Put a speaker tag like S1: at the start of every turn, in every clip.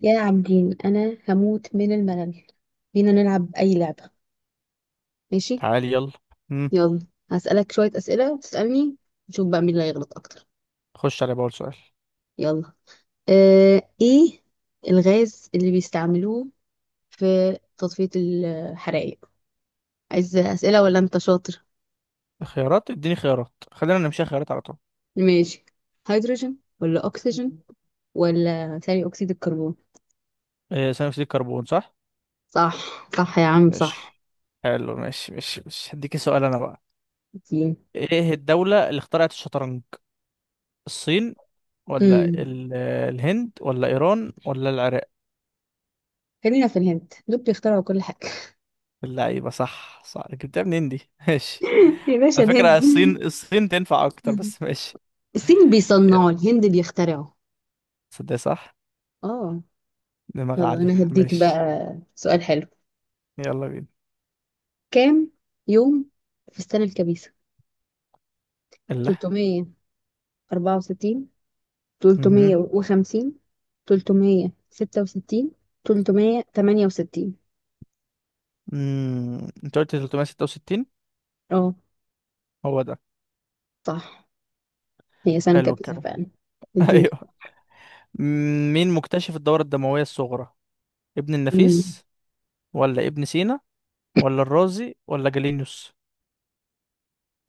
S1: يا عابدين، انا هموت من الملل. بينا نلعب اي لعبة؟ ماشي.
S2: تعالي يلا. مم.
S1: يلا، هسألك شوية أسئلة وتسألني، نشوف بقى مين اللي هيغلط اكتر.
S2: خش على بقول سؤال.
S1: يلا. ايه، الغاز اللي بيستعملوه في تطفية الحرائق؟ عايز أسئلة ولا انت شاطر؟
S2: خيارات، اديني خيارات، خلينا نمشي خيارات على طول.
S1: ماشي، هيدروجين ولا اكسجين ولا ثاني اكسيد الكربون؟
S2: إيه ثاني اكسيد الكربون صح.
S1: صح، صح يا عم صح.
S2: ماشي. حلو ماشي ماشي ماشي، هديك سؤال انا بقى. ايه الدولة اللي اخترعت الشطرنج؟ الصين، ولا
S1: امم
S2: الهند ولا ايران ولا العراق؟
S1: خلينا في الهند، دول بيخترعوا كل حاجة.
S2: اللعيبة، صح صح، جبتها منين دي؟ ماشي.
S1: يا باشا،
S2: على فكرة
S1: الهند.
S2: الصين الصين تنفع اكتر، بس ماشي.
S1: الصين
S2: يا
S1: بيصنعوا، الهند بيخترعوا.
S2: صدق صح،
S1: اه.
S2: دماغ
S1: يلا
S2: عالية.
S1: انا هديك بقى
S2: ماشي
S1: سؤال حلو.
S2: يلا بينا.
S1: كام يوم في السنة الكبيسة؟
S2: الله.
S1: 364، 350،
S2: مهم.
S1: 366، 368؟
S2: مم. انت قلت 366؟
S1: اه،
S2: هو ده.
S1: صح. هي سنة
S2: حلو
S1: كبيسة
S2: الكلام.
S1: فعلا. اديني.
S2: ايوه. مين مكتشف الدورة الدموية الصغرى؟ ابن
S1: مم.
S2: النفيس، ولا ابن سينا، ولا الرازي ولا جالينيوس؟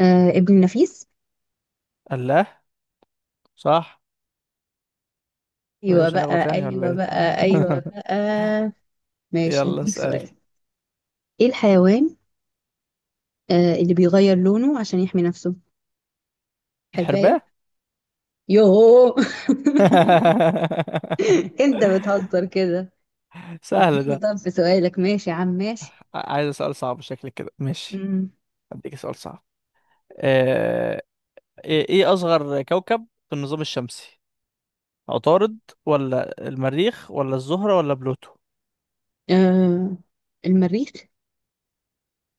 S1: آه، ابن النفيس.
S2: الله صح. وإيه،
S1: ايوه
S2: مش
S1: بقى،
S2: هنغلط يعني ولا
S1: ايوه
S2: ايه؟
S1: بقى، ايوه بقى. ماشي،
S2: يلا
S1: هديك
S2: اسألي.
S1: سؤال. ايه الحيوان اللي بيغير لونه عشان يحمي نفسه؟ حرباية.
S2: الحرباء.
S1: يوهو. انت بتهزر كده.
S2: سهل
S1: اديني،
S2: ده.
S1: طب في سؤالك، ماشي يا عم ماشي.
S2: عايز سؤال صعب شكلك كده، ماشي
S1: امم
S2: اديك سؤال صعب. آه، إيه اصغر كوكب في النظام الشمسي؟ عطارد، ولا المريخ ولا الزهرة ولا بلوتو؟
S1: آه المريخ.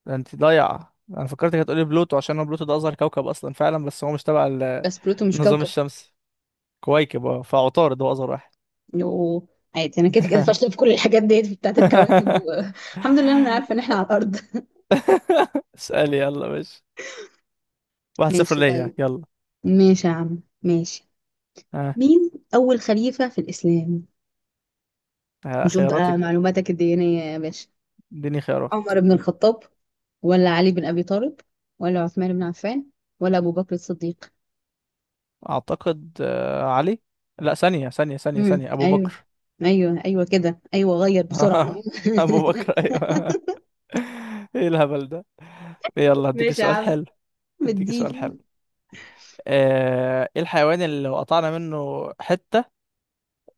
S2: ده انت ضايعة، انا فكرتك هتقولي بلوتو عشان هو بلوتو ده اصغر كوكب اصلا فعلا، بس هو مش تبع
S1: بس بلوتو مش
S2: النظام
S1: كوكب.
S2: الشمسي. كويكب اه، فعطارد هو اصغر واحد.
S1: يوه، عادي، انا كده كده فاشله في كل الحاجات ديت بتاعت الكواكب الحمد لله انا عارفه ان احنا على الارض.
S2: اسألي يلا. ماشي، واحد صفر
S1: ماشي،
S2: ليا
S1: طيب.
S2: يلا.
S1: ماشي يا عم ماشي.
S2: ها.
S1: مين اول خليفه في الاسلام؟
S2: ها،
S1: نشوف
S2: خياراتك
S1: بقى
S2: بقى؟
S1: معلوماتك الدينيه يا باشا.
S2: اديني خيارات.
S1: عمر بن الخطاب، ولا علي بن ابي طالب، ولا عثمان بن عفان، ولا ابو بكر الصديق؟
S2: اعتقد علي. لا، ثانية ثانية ثانية ثانية، ابو
S1: ايوه،
S2: بكر.
S1: ايوه ايوه كده ايوه، غير بسرعه.
S2: ابو بكر ايوه. ايه الهبل ده. يلا هديك
S1: ماشي يا
S2: سؤال
S1: عم،
S2: حلو. هديك سؤال
S1: مديني.
S2: حلو. ايه الحيوان اللي لو قطعنا منه حتة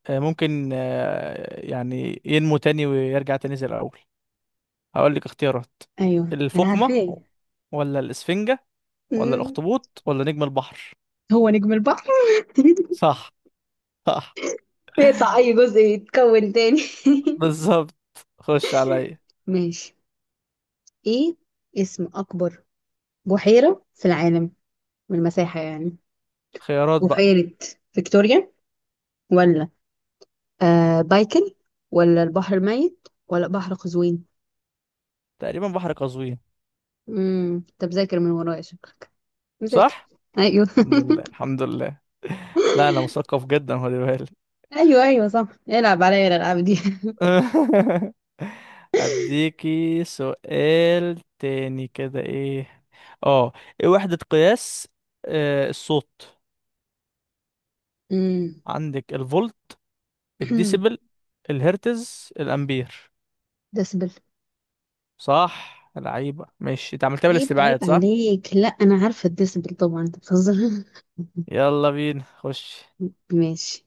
S2: ممكن يعني ينمو تاني ويرجع تاني زي الأول؟ هقول لك اختيارات.
S1: ايوه انا
S2: الفقمة،
S1: عارفاه.
S2: ولا الإسفنجة ولا
S1: مم.
S2: الأخطبوط ولا نجم البحر؟
S1: هو نجم البحر.
S2: صح. صح
S1: يقطع اي جزء يتكون تاني.
S2: بالظبط. خش عليا.
S1: ماشي. ايه اسم اكبر بحيرة في العالم، من المساحة يعني؟
S2: خيارات بقى.
S1: بحيرة فيكتوريا، ولا بايكل، ولا البحر الميت، ولا بحر قزوين؟
S2: تقريبا بحر قزوين.
S1: انت مذاكر من ورايا شكلك، مذاكر.
S2: صح.
S1: ايوه.
S2: الحمد لله الحمد لله. لا، أنا مثقف جدا، خلي بالك.
S1: ايوه ايوه صح، العب عليا الالعاب دي.
S2: اديكي سؤال تاني كده. ايه اه، ايه وحدة قياس آه الصوت؟
S1: امم
S2: عندك الفولت، الديسيبل، الهرتز، الامبير.
S1: ديسبل.
S2: صح لعيبة، ماشي، انت عملتها
S1: عيب عيب
S2: بالاستبعاد صح.
S1: عليك، لا انا عارفه الديسبل طبعا، انت بتهزر.
S2: يلا بينا خش.
S1: ماشي،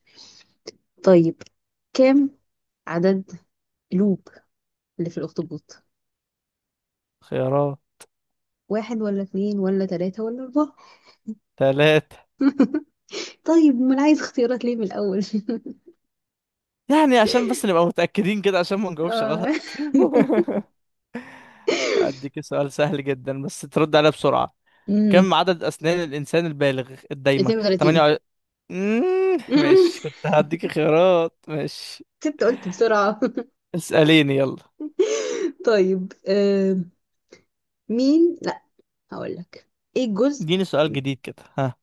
S1: طيب. كم عدد قلوب اللي في الاخطبوط؟
S2: خيارات.
S1: واحد، ولا اتنين، ولا تلاتة، ولا اربعة؟
S2: ثلاثة.
S1: طيب امال عايز اختيارات ليه من الاول؟
S2: يعني عشان بس نبقى متأكدين كده، عشان ما نجاوبش
S1: اه.
S2: غلط. اديك سؤال سهل جدا، بس ترد عليها بسرعة. كم
S1: امم
S2: عدد أسنان الإنسان البالغ الدايمة؟
S1: 32.
S2: مم، ماشي، كنت هديك خيارات ماشي.
S1: كنت قلت بسرعة.
S2: اسأليني يلا.
S1: طيب. آه مين لا هقول لك ايه الجزء
S2: اديني سؤال جديد كده، ها.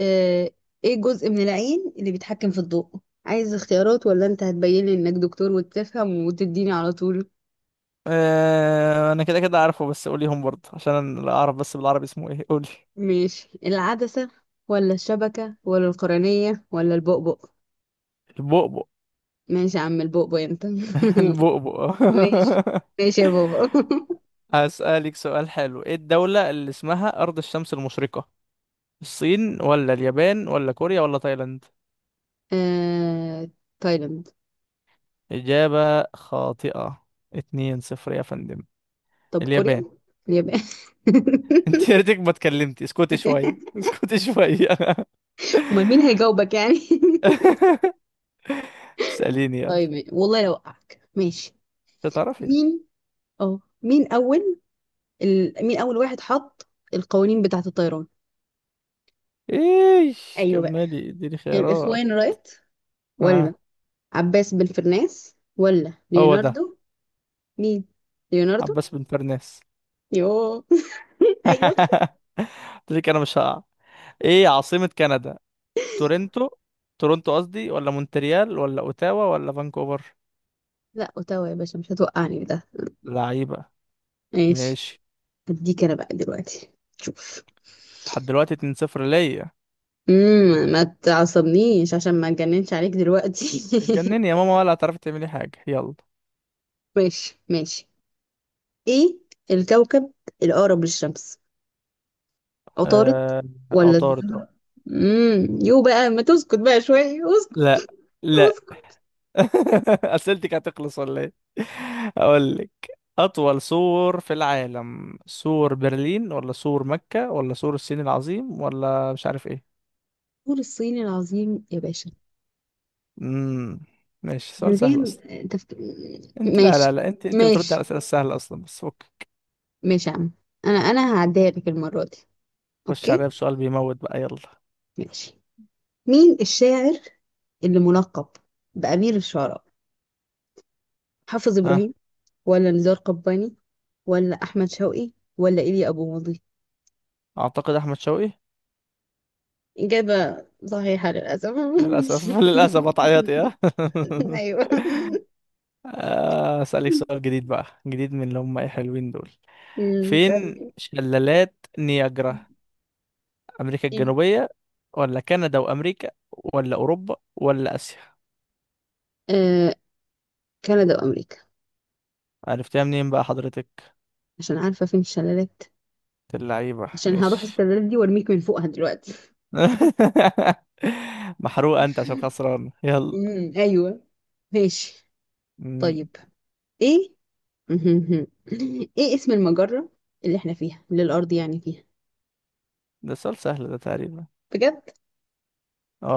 S1: آه، ايه الجزء من العين اللي بيتحكم في الضوء؟ عايز اختيارات ولا انت هتبين لي انك دكتور وتفهم وتديني على طول؟
S2: اه انا كده كده عارفه، بس قوليهم برضه عشان انا لا اعرف، بس بالعربي اسمه ايه، قولي.
S1: ماشي، العدسة ولا الشبكة ولا القرنية ولا البؤبؤ؟
S2: البؤبؤ.
S1: ماشي يا عم، البؤبؤ انت.
S2: البؤبؤ.
S1: ماشي، ماشي يا بابا.
S2: هسألك سؤال حلو. ايه الدولة اللي اسمها أرض الشمس المشرقة؟ الصين، ولا اليابان ولا كوريا ولا تايلاند؟
S1: آه... تايلاند.
S2: إجابة خاطئة. اتنين صفر يا فندم.
S1: طب
S2: اليابان.
S1: كوريا. اليابان.
S2: انت يا ريتك ما اتكلمتي، اسكتي شوية، اسكتي شوية.
S1: امال مين هيجاوبك يعني؟
S2: اسأليني يلا.
S1: طيب والله لو وقعك ماشي.
S2: مش هتعرفي.
S1: مين، اه مين اول مين أول واحد حط القوانين بتاعة الطيران؟
S2: ايش
S1: ايوه بقى.
S2: كملي. اديني خيارات.
S1: الإخوان رايت، ولا
S2: ها.
S1: عباس بن فرناس، ولا
S2: هو ده.
S1: ليوناردو؟ مين ليوناردو؟
S2: عباس بن فرناس.
S1: يوه. ايوه.
S2: قلت لك انا مش هقع. ايه عاصمة كندا؟ تورنتو، تورنتو قصدي، ولا مونتريال ولا اوتاوا ولا فانكوفر؟
S1: لا، اوتاوا يا باشا، مش هتوقعني ده.
S2: لعيبة.
S1: ماشي،
S2: ماشي.
S1: هديك انا بقى دلوقتي. شوف.
S2: لحد دلوقتي 2-0 ليا.
S1: ما تعصبنيش عشان ما اتجننش عليك دلوقتي.
S2: اتجنني يا ماما، ولا هتعرفي تعملي حاجة، يلا.
S1: ماشي ماشي. ايه الكوكب الاقرب للشمس؟ عطارد
S2: آه...
S1: ولا
S2: عطارد اه.
S1: الزهرة؟ يو بقى، ما تسكت بقى شوية، اسكت.
S2: لا لا.
S1: اسكت.
S2: اسئلتك هتخلص ولا ايه؟ اقول لك. اطول سور في العالم؟ سور برلين، ولا سور مكة ولا سور الصين العظيم، ولا مش عارف ايه؟
S1: الطور الصيني العظيم يا باشا.
S2: امم ماشي، سؤال
S1: من
S2: سهل
S1: غير
S2: اصلا.
S1: تفك...
S2: انت لا لا
S1: ماشي،
S2: لا، انت انت بترد على
S1: ماشي،
S2: الاسئله السهله اصلا، بس فك.
S1: ماشي يا عم، انا هعديها لك المرة دي.
S2: خش عليا
S1: اوكي.
S2: بسؤال بيموت بقى يلا.
S1: ماشي. مين الشاعر اللي ملقب بأمير الشعراء؟ حافظ
S2: ها.
S1: إبراهيم، ولا نزار قباني، ولا أحمد شوقي، ولا إيليا أبو ماضي؟
S2: اعتقد احمد شوقي.
S1: إجابة صحيحة للأسف.
S2: للاسف. للاسف هتعيطي ها.
S1: أيوه.
S2: اسالك سؤال جديد بقى، جديد من اللي هم ايه حلوين دول.
S1: مم.
S2: فين
S1: اسألي.
S2: شلالات نياجرا؟ امريكا
S1: ايه.
S2: الجنوبية، ولا كندا وامريكا، ولا اوروبا ولا اسيا؟
S1: آه، كندا وامريكا.
S2: عرفتها منين بقى حضرتك؟
S1: عشان عارفه فين الشلالات،
S2: اللعيبة
S1: عشان هروح
S2: مش.
S1: الشلالات دي وارميك من فوقها دلوقتي.
S2: محروق انت عشان خسران، يلا.
S1: ايوه، ماشي،
S2: مم.
S1: طيب. ايه. ايه اسم المجره اللي احنا فيها، اللي الارض يعني فيها؟
S2: ده سؤال سهل ده تقريبا.
S1: بجد؟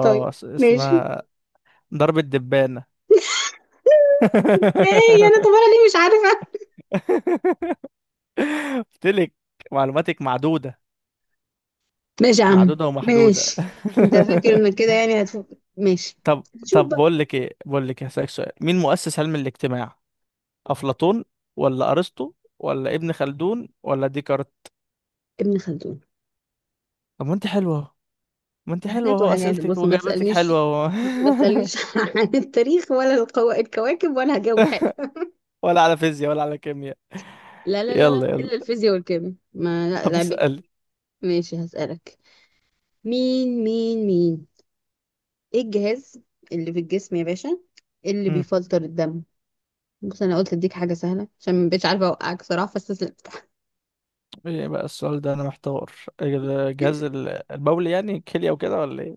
S1: طيب، ماشي.
S2: اسمها ضرب الدبانة.
S1: ازاي؟ انا طب انا ليه مش عارفه؟
S2: قلتلك معلوماتك معدودة،
S1: ماشي يا عم
S2: معدودة ومحدودة.
S1: ماشي. انت فاكر انك كده يعني هتفوق؟ ماشي.
S2: طب.
S1: نشوف
S2: طب
S1: بقى.
S2: بقول لك إيه، هسألك سؤال. مين مؤسس علم الاجتماع؟ افلاطون، ولا ارسطو، ولا ابن خلدون ولا ديكارت؟
S1: ابن خلدون.
S2: طب ما انت حلوه اهو، ما انت حلوه
S1: حاجات
S2: اهو،
S1: وحاجات،
S2: اسئلتك
S1: بص ما
S2: واجاباتك
S1: تسألنيش
S2: حلوه اهو.
S1: ما تسألنيش عن التاريخ ولا الكواكب، ولا هجاوب حلو.
S2: ولا على فيزياء ولا على كيمياء.
S1: لا لا لا لا،
S2: يلا يلا.
S1: إلا الفيزياء والكيمياء، ما لا
S2: طب
S1: لعبتي.
S2: اسال.
S1: ماشي، هسألك. مين مين مين ايه الجهاز اللي في الجسم يا باشا، اللي
S2: مم.
S1: بيفلتر الدم؟ بص، انا قلت اديك حاجة سهلة عشان مبقتش عارفة اوقعك صراحة، فاستسلمت.
S2: ايه بقى السؤال ده، انا محتار. إيه ده، جهاز البول، يعني كليه وكده، ولا ايه؟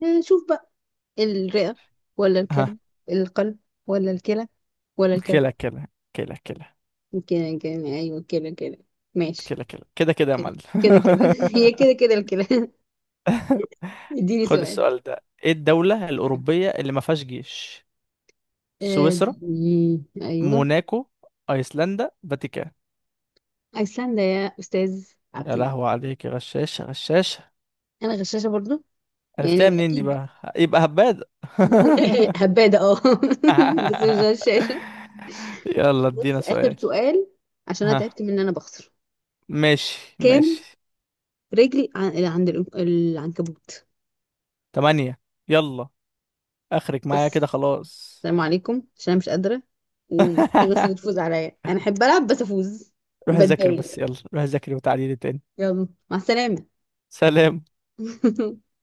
S1: آه، شوف بقى. الرئة، ولا
S2: ها.
S1: الكلب، القلب، ولا الكلى، ولا الكبد؟
S2: كلى كلى، كلى كلى،
S1: يمكن، ايوه كده كده. ماشي.
S2: كلى كلى كده كده يا
S1: كده،
S2: معلم.
S1: كده كده. هي كده كده الكلام. اديني
S2: خد
S1: سؤال.
S2: السؤال ده. ايه الدوله الاوروبيه اللي ما فيهاش جيش؟
S1: آه،
S2: سويسرا،
S1: اديني ايوه.
S2: موناكو، ايسلندا، فاتيكان.
S1: ايسلندا يا استاذ
S2: يا
S1: عابدين.
S2: لهوي عليك يا غشاشة، غشاشة.
S1: انا غشاشه برضو،
S2: عرفتها
S1: يعني
S2: منين دي
S1: اكيد.
S2: بقى؟ يبقى هبادة.
S1: هبادة اه. بس مش غشاشة.
S2: يلا
S1: بص،
S2: ادينا
S1: آخر
S2: سؤال.
S1: سؤال عشان أنا
S2: ها.
S1: تعبت من إن أنا بخسر.
S2: ماشي
S1: كام
S2: ماشي.
S1: رجل عند العنكبوت؟
S2: تمانية. يلا، اخرك معايا كده
S1: بص،
S2: خلاص.
S1: السلام عليكم عشان أنا مش قادرة، ومحبش الناس اللي تفوز عليا، أنا أحب ألعب بس أفوز.
S2: روح ذاكر، بس
S1: بتضايق.
S2: يلا روح ذاكر وتعالي لي تاني.
S1: يلا، مع السلامة.
S2: سلام.